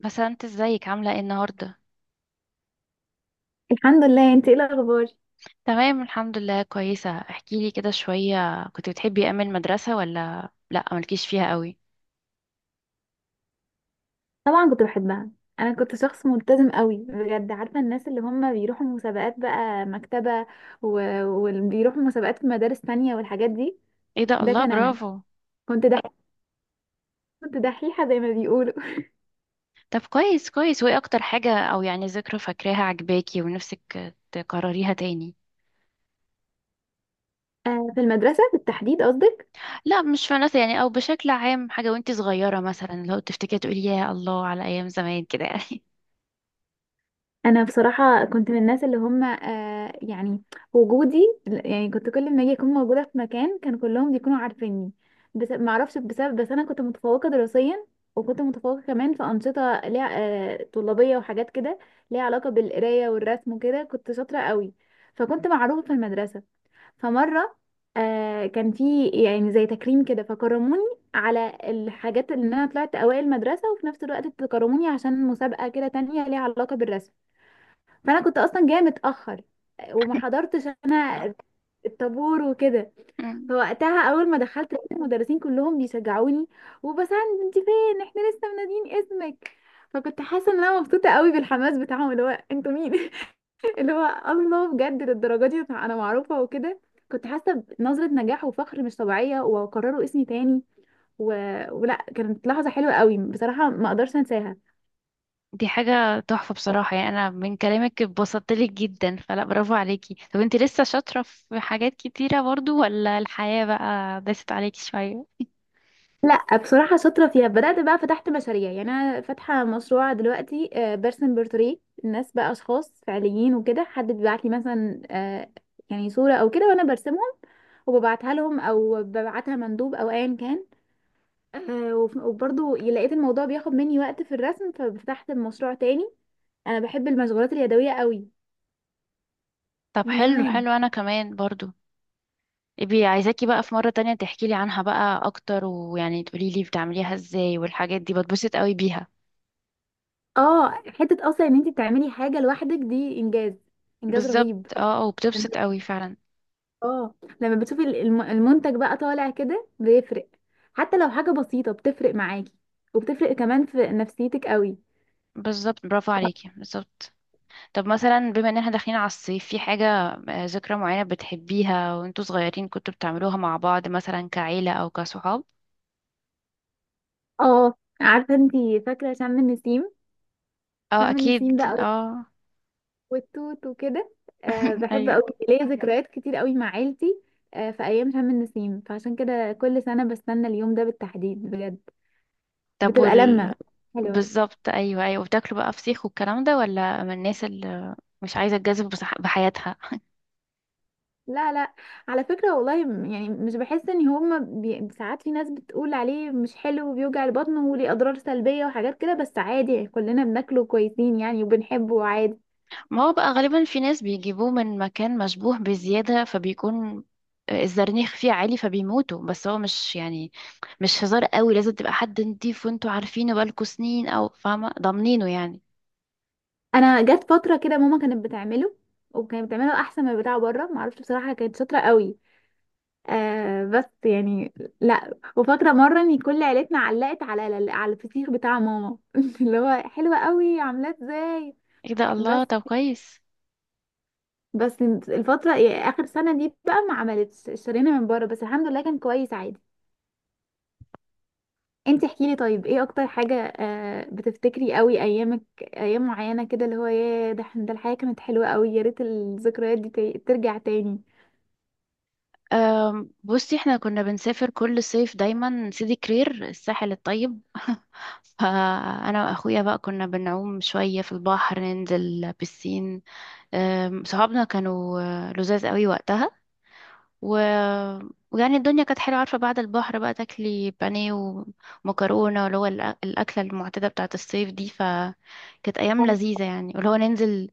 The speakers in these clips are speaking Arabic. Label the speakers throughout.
Speaker 1: بس انت ازيك؟ عاملة ايه النهاردة؟
Speaker 2: الحمد لله. انت ايه الاخبار؟
Speaker 1: تمام الحمد لله، كويسة. احكيلي كده شوية، كنت بتحبي ايام المدرسة ولا لا مالكيش فيها قوي؟
Speaker 2: طبعا كنت بحبها. انا كنت شخص ملتزم قوي بجد، عارفه الناس اللي هم بيروحوا مسابقات بقى مكتبه وبيروحوا مسابقات في مدارس تانية والحاجات دي.
Speaker 1: ايه ده،
Speaker 2: ده
Speaker 1: الله،
Speaker 2: كان انا.
Speaker 1: برافو.
Speaker 2: كنت دحيحه. كنت دحيحه زي ما بيقولوا.
Speaker 1: طب كويس كويس، وايه اكتر حاجة او يعني ذكرى فاكراها عجباكي ونفسك تكرريها تاني؟
Speaker 2: آه، في المدرسه بالتحديد قصدك؟
Speaker 1: لا مش فنانة يعني، او بشكل عام حاجة وانت صغيرة مثلا لو تفتكري تقولي يا الله على ايام زمان كده يعني.
Speaker 2: انا بصراحه كنت من الناس اللي هم يعني وجودي، يعني كنت كل ما اجي اكون موجوده في مكان كان كلهم بيكونوا عارفيني، بس ما اعرفش بسبب. بس انا كنت متفوقه دراسيا، وكنت متفوقه كمان في انشطه ليها طلابيه وحاجات كده، ليها علاقه بالقرايه والرسم وكده، كنت شاطره قوي، فكنت معروفه في المدرسه. فمره كان في يعني زي تكريم كده، فكرموني على الحاجات اللي انا طلعت اوائل المدرسه، وفي نفس الوقت تكرموني عشان مسابقه كده تانية ليها علاقه بالرسم. فانا كنت اصلا جايه متاخر، وما حضرتش انا الطابور وكده. فوقتها اول ما دخلت لقيت المدرسين كلهم بيشجعوني وبسند: انت فين؟ احنا لسه منادين اسمك. فكنت حاسه ان انا مبسوطه قوي بالحماس بتاعهم اللي هو انتوا مين؟ اللي هو الله، بجد للدرجه دي انا معروفه وكده. كنت حاسه بنظره نجاح وفخر مش طبيعيه، وقرروا اسمي تاني. و... ولا كانت لحظه حلوه قوي بصراحه، ما اقدرش انساها.
Speaker 1: دي حاجة تحفة بصراحة، يعني أنا من كلامك اتبسطت لك جدا، فلا برافو عليكي. طب انت لسه شاطرة في حاجات كتيرة برضو، ولا الحياة بقى داست عليكي شوية؟
Speaker 2: لا بصراحة شاطرة فيها، بدأت بقى فتحت مشاريع، يعني أنا فاتحة مشروع دلوقتي برسم بورتريه الناس، بقى أشخاص فعليين وكده، حد بيبعت لي مثلا يعني صورة أو كده وأنا برسمهم، وببعتها لهم أو ببعتها مندوب أو أيا كان. وبرضه لقيت الموضوع بياخد مني وقت في الرسم، ففتحت مشروع تاني. أنا بحب المشغولات اليدوية قوي
Speaker 1: طب
Speaker 2: من
Speaker 1: حلو
Speaker 2: زمان.
Speaker 1: حلو، أنا كمان برضو. ابي عايزاكي بقى في مرة تانية تحكي لي عنها بقى أكتر، ويعني تقولي لي بتعمليها ازاي، والحاجات دي بتبسط قوي بيها.
Speaker 2: اه، حتة أصلا إن أنت تعملي حاجة لوحدك دي إنجاز. إنجاز
Speaker 1: بالظبط،
Speaker 2: رهيب.
Speaker 1: اه، وبتبسط قوي فعلا.
Speaker 2: اه، لما بتشوفي المنتج بقى طالع كده بيفرق، حتى لو حاجة بسيطة بتفرق معاكي، وبتفرق كمان في نفسيتك قوي.
Speaker 1: بالظبط، برافو عليكي، بالظبط. طب مثلا بما ان احنا داخلين على الصيف، في حاجة ذكرى معينة بتحبيها وانتوا صغيرين كنتوا بتعملوها مع بعض، مثلا كعيلة او كصحاب؟
Speaker 2: اه، عارفة انتي، فاكرة شم النسيم؟
Speaker 1: اه
Speaker 2: شم النسيم
Speaker 1: اكيد
Speaker 2: بقى
Speaker 1: اه.
Speaker 2: والتوت وكده، أه بحب
Speaker 1: ايوه.
Speaker 2: قوي. ليا ذكريات كتير قوي مع عيلتي. أه في ايام شم النسيم، فعشان كده كل سنة بستنى اليوم ده بالتحديد بجد.
Speaker 1: طب
Speaker 2: بتبقى لمة
Speaker 1: وال
Speaker 2: حلوة.
Speaker 1: بالظبط ايوه ايوه. وبتاكلوا بقى فسيخ والكلام ده، ولا من الناس اللي مش عايزة تجازف بحياتها؟
Speaker 2: لا، لا، على فكرة والله يعني مش بحس ان هما ساعات في ناس بتقول عليه مش حلو وبيوجع البطن وليه اضرار سلبية وحاجات كده، بس عادي يعني كلنا بناكله كويسين يعني وبنحبه عادي.
Speaker 1: ما هو بقى غالبا في ناس بيجيبوه من مكان مشبوه بزيادة، فبيكون الزرنيخ فيه عالي فبيموتوا، بس هو مش يعني، مش هزار قوي، لازم تبقى حد نضيف وانتوا عارفينه بقالكوا سنين، او فاهمة ضامنينه يعني.
Speaker 2: انا جت فترة كده ماما كانت بتعمله، وكانت بتعمله احسن من بتاع بره، معرفش بصراحة كانت شاطرة قوي. آه بس يعني لا. وفاكرة مرة ان كل عيلتنا علقت على الفسيخ بتاع ماما، اللي هو حلوة قوي عاملاه ازاي.
Speaker 1: ايه ده،
Speaker 2: بس
Speaker 1: الله، طب كويس.
Speaker 2: بس الفترة يعني آخر سنة دي بقى ما عملتش، اشترينا من بره بس الحمد لله كان كويس عادي. انت احكيلي طيب، ايه اكتر حاجة بتفتكري قوي ايامك ايام معينة كده اللي هو ياه، ده ده الحياة كانت حلوة قوي، يا ريت الذكريات دي ترجع تاني.
Speaker 1: بصي احنا كنا بنسافر كل صيف دايما سيدي كرير، الساحل الطيب. فانا واخويا بقى كنا بنعوم شوية في البحر، ننزل بسين. صحابنا كانوا لزاز قوي وقتها. و... ويعني الدنيا كانت حلوة، عارفة بعد البحر بقى تاكلي بانيه ومكرونة، اللي هو الأكلة المعتادة بتاعة الصيف دي، فكانت أيام لذيذة يعني، واللي هو ننزل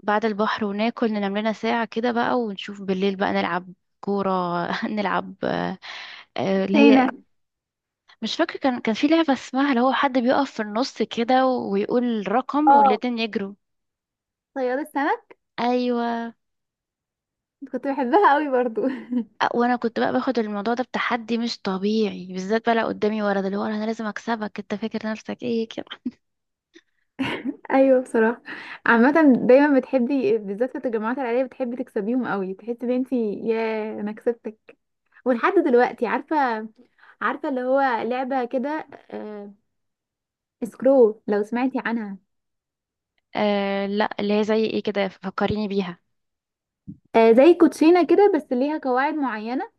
Speaker 1: بعد البحر وناكل، ننام لنا ساعة كده بقى، ونشوف بالليل بقى نلعب كورة. نلعب اللي هي
Speaker 2: سينا.
Speaker 1: مش فاكرة، كان في لعبة اسمها اللي هو حد بيقف في النص كده ويقول رقم
Speaker 2: اه،
Speaker 1: والاتنين يجروا.
Speaker 2: صياد السمك.
Speaker 1: أيوة.
Speaker 2: كنت بحبها قوي برضو.
Speaker 1: وانا كنت بقى باخد الموضوع ده بتحدي مش طبيعي، بالذات بقى لو قدامي ولد، اللي هو انا لازم اكسبك، انت فاكر نفسك ايه كده.
Speaker 2: ايوه بصراحة. عامة دايما بتحبي بالذات في التجمعات العائلية بتحبي تكسبيهم قوي، تحسي ان انت ياه انا كسبتك. ولحد دلوقتي، عارفة عارفة اللي هو لعبة كده سكرو، لو سمعتي عنها؟
Speaker 1: آه لا، اللي هي زي ايه كده، فكريني بيها.
Speaker 2: آه، زي كوتشينة كده بس ليها قواعد معينة.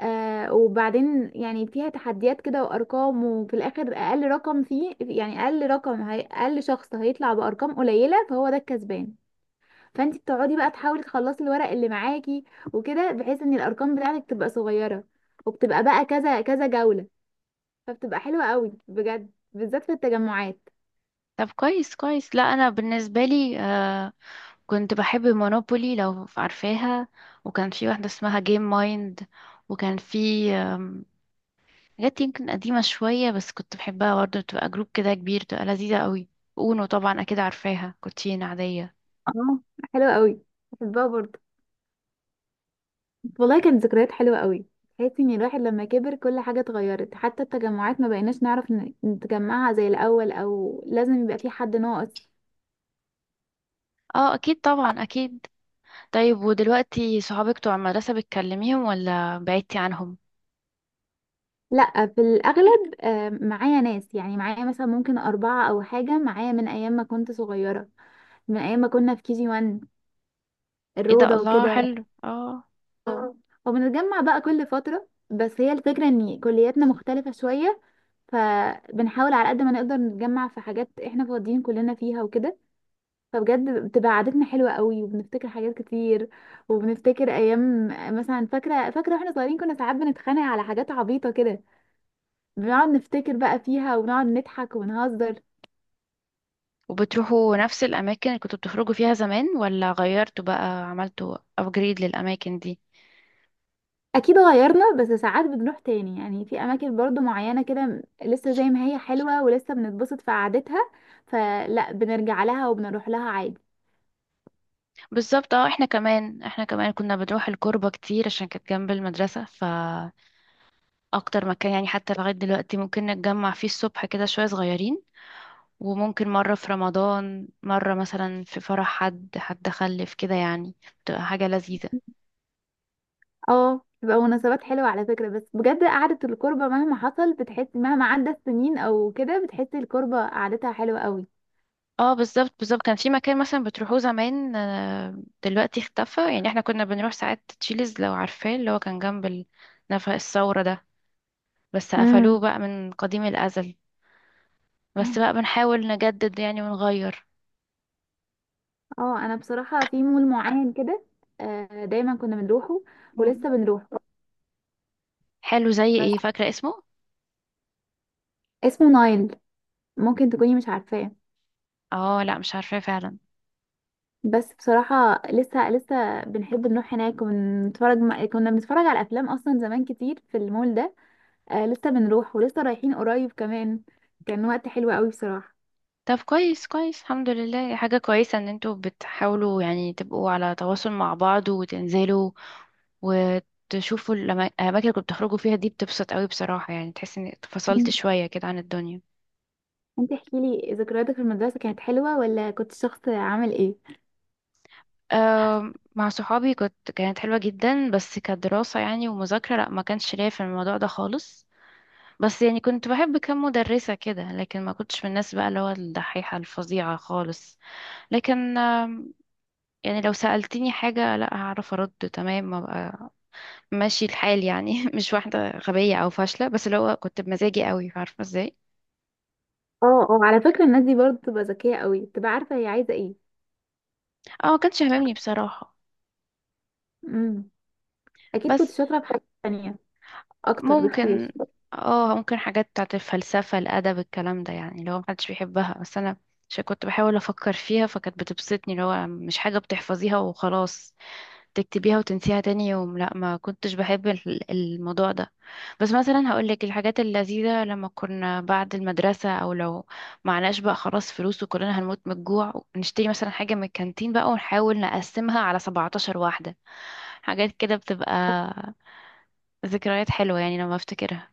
Speaker 2: وبعدين يعني فيها تحديات كده وأرقام، وفي الآخر أقل رقم فيه يعني أقل رقم، هي أقل شخص هيطلع بأرقام قليلة فهو ده الكسبان. فانتي بتقعدي بقى تحاولي تخلصي الورق اللي معاكي وكده، بحيث ان الأرقام بتاعتك تبقى صغيرة. وبتبقى بقى كذا كذا جولة. فبتبقى حلوة قوي بجد، بالذات في التجمعات.
Speaker 1: طب كويس كويس. لا انا بالنسبه لي كنت بحب مونوبولي، لو عارفاها. وكان في واحده اسمها جيم مايند. وكان في حاجات يمكن قديمه شويه، بس كنت بحبها برضه، بتبقى جروب كده كبير، بتبقى لذيذه قوي. اونو طبعا اكيد عارفاها، كوتشينه عاديه.
Speaker 2: اه حلوة قوي، بحبها برضه. والله كانت ذكريات حلوة قوي. تحسي ان الواحد لما كبر كل حاجة اتغيرت، حتى التجمعات ما بقيناش نعرف نتجمعها زي الأول، او لازم يبقى في حد ناقص.
Speaker 1: اه اكيد طبعا اكيد. طيب ودلوقتي صحابك بتوع المدرسة بتكلميهم ولا بعدتي عنهم؟
Speaker 2: لا، في الأغلب معايا ناس، يعني معايا مثلا ممكن أربعة أو حاجة، معايا من أيام ما كنت صغيرة، من أيام ما كنا في KG1،
Speaker 1: ايه ده،
Speaker 2: الروضة
Speaker 1: الله،
Speaker 2: وكده.
Speaker 1: حلو اه.
Speaker 2: آه. وبنتجمع بقى كل فترة، بس هي الفكرة ان كلياتنا مختلفة شوية، فبنحاول على قد ما نقدر نتجمع في حاجات احنا فاضيين كلنا فيها وكده. فبجد بتبقى قعدتنا حلوة قوي، وبنفتكر حاجات كتير وبنفتكر ايام. مثلا فاكرة فاكرة واحنا صغيرين كنا ساعات بنتخانق على حاجات عبيطة كده، بنقعد نفتكر بقى فيها ونقعد نضحك ونهزر.
Speaker 1: وبتروحوا نفس الاماكن اللي كنتوا بتخرجوا فيها زمان، ولا غيرتوا بقى عملتوا ابجريد للاماكن دي؟
Speaker 2: اكيد غيرنا، بس ساعات بنروح تاني يعني، في اماكن برضو معينة كده لسه زي ما هي حلوة، ولسه بنتبسط في قعدتها، فلا بنرجع لها وبنروح لها عادي.
Speaker 1: بالظبط اه، احنا كمان احنا كمان كنا بنروح الكوربة كتير عشان كانت جنب المدرسة، فاكتر مكان يعني حتى لغاية دلوقتي ممكن نتجمع فيه الصبح كده شوية صغيرين، وممكن مرة في رمضان، مرة مثلا في فرح حد حد خلف كده يعني. بتبقى حاجة لذيذة.
Speaker 2: اه بتبقى مناسبات حلوة على فكرة، بس بجد قعدة الكربة مهما حصل بتحس، مهما عدت سنين او كده بتحس الكربة قعدتها حلوة قوي.
Speaker 1: اه بالظبط بالظبط، كان في مكان مثلا بتروحوه زمان دلوقتي اختفى، يعني احنا كنا بنروح ساعات تشيلز لو عارفاه، اللي هو كان جنب نفق الثورة ده، بس قفلوه
Speaker 2: مم.
Speaker 1: بقى من قديم الأزل. بس بقى بنحاول نجدد يعني ونغير.
Speaker 2: اه انا بصراحه في مول معين كده، دايما كنا بنروحه
Speaker 1: مم.
Speaker 2: ولسه بنروحه.
Speaker 1: حلو، زي
Speaker 2: بس
Speaker 1: ايه؟ فاكرة اسمه؟
Speaker 2: اسمه نايل، ممكن تكوني مش عارفاه.
Speaker 1: اه لا مش عارفاه فعلا.
Speaker 2: بس بصراحه لسه لسه بنحب نروح هناك ونتفرج، كنا بنتفرج على افلام اصلا زمان كتير في المول ده. لسه بنروح ولسه رايحين قريب كمان. كان وقت حلو قوي بصراحه.
Speaker 1: طب كويس كويس، الحمد لله حاجة كويسة ان انتوا بتحاولوا يعني تبقوا على تواصل مع بعض، وتنزلوا وتشوفوا الأماكن اللي كنتوا بتخرجوا فيها دي، بتبسط قوي بصراحة، يعني تحس إني اتفصلت
Speaker 2: مم.
Speaker 1: شوية كده عن الدنيا.
Speaker 2: انت احكي لي ذكرياتك في المدرسه، كانت حلوه ولا كنت شخص عامل ايه؟
Speaker 1: مع صحابي كنت، كانت حلوة جدا، بس كدراسة يعني ومذاكرة لأ، ما كانش ليا في الموضوع ده خالص. بس يعني كنت بحب كام مدرسة كده، لكن ما كنتش من الناس بقى اللي هو الدحيحة الفظيعة خالص. لكن يعني لو سألتني حاجة لا، هعرف أرد تمام، أبقى ماشي الحال يعني. مش واحدة غبية أو فاشلة، بس اللي هو كنت بمزاجي قوي، عارفة ازاي.
Speaker 2: اه، اه، على فكره الناس دي برضه بتبقى ذكيه قوي، بتبقى عارفه هي عايزه ايه.
Speaker 1: اه ما كانش هممني بصراحة.
Speaker 2: امم اكيد كنت
Speaker 1: بس
Speaker 2: شاطره في حاجات تانية اكتر بكتير.
Speaker 1: ممكن، اه ممكن، حاجات بتاعت الفلسفة الأدب الكلام ده يعني، اللي هو محدش بيحبها بس أنا مش كنت بحاول أفكر فيها، فكانت بتبسطني، اللي هو مش حاجة بتحفظيها وخلاص تكتبيها وتنسيها تاني يوم، لأ ما كنتش بحب الموضوع ده. بس مثلا هقولك الحاجات اللذيذة لما كنا بعد المدرسة، أو لو معناش بقى خلاص فلوس وكلنا هنموت من الجوع، نشتري مثلا حاجة من الكانتين بقى ونحاول نقسمها على 17 واحدة. حاجات كده بتبقى ذكريات حلوة يعني لما افتكرها.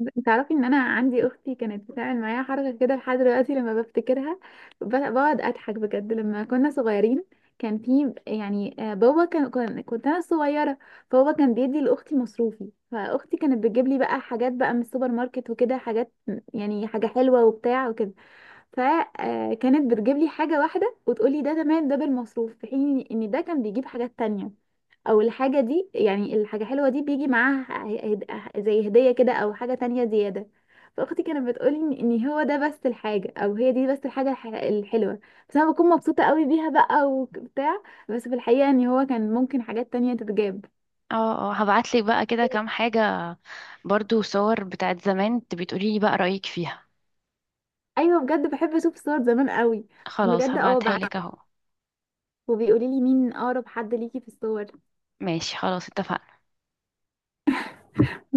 Speaker 2: انت تعرفي ان انا عندي اختي كانت بتعمل معايا حركه كده لحد دلوقتي، لما بفتكرها بقعد اضحك بجد. لما كنا صغيرين كان في يعني، بابا كنت انا صغيره، فبابا كان بيدي لاختي مصروفي، فاختي كانت بتجيب لي بقى حاجات بقى من السوبر ماركت وكده، حاجات يعني حاجه حلوه وبتاع وكده. فكانت بتجيب لي حاجه واحده وتقول لي ده تمام ده بالمصروف، في حين ان ده كان بيجيب حاجات تانية، او الحاجة دي يعني الحاجة حلوة دي بيجي معاها، هد- زي هدية كده او حاجة تانية زيادة. فاختي كانت بتقولي ان هو ده بس الحاجة، او هي دي بس الحاجة الحلوة. بس انا بكون مبسوطة قوي بيها بقى وبتاع. بس في الحقيقة ان هو كان ممكن حاجات تانية تتجاب.
Speaker 1: اه اه، هبعتلك بقى كده كام حاجة، برضو صور بتاعت زمان، تبي تقولي لي بقى رأيك فيها.
Speaker 2: ايوه بجد بحب اشوف صور زمان قوي.
Speaker 1: خلاص
Speaker 2: بجد اه
Speaker 1: هبعتها
Speaker 2: بعد.
Speaker 1: لك اهو.
Speaker 2: وبيقولي لي مين اقرب حد ليكي في الصور.
Speaker 1: ماشي خلاص، اتفقنا.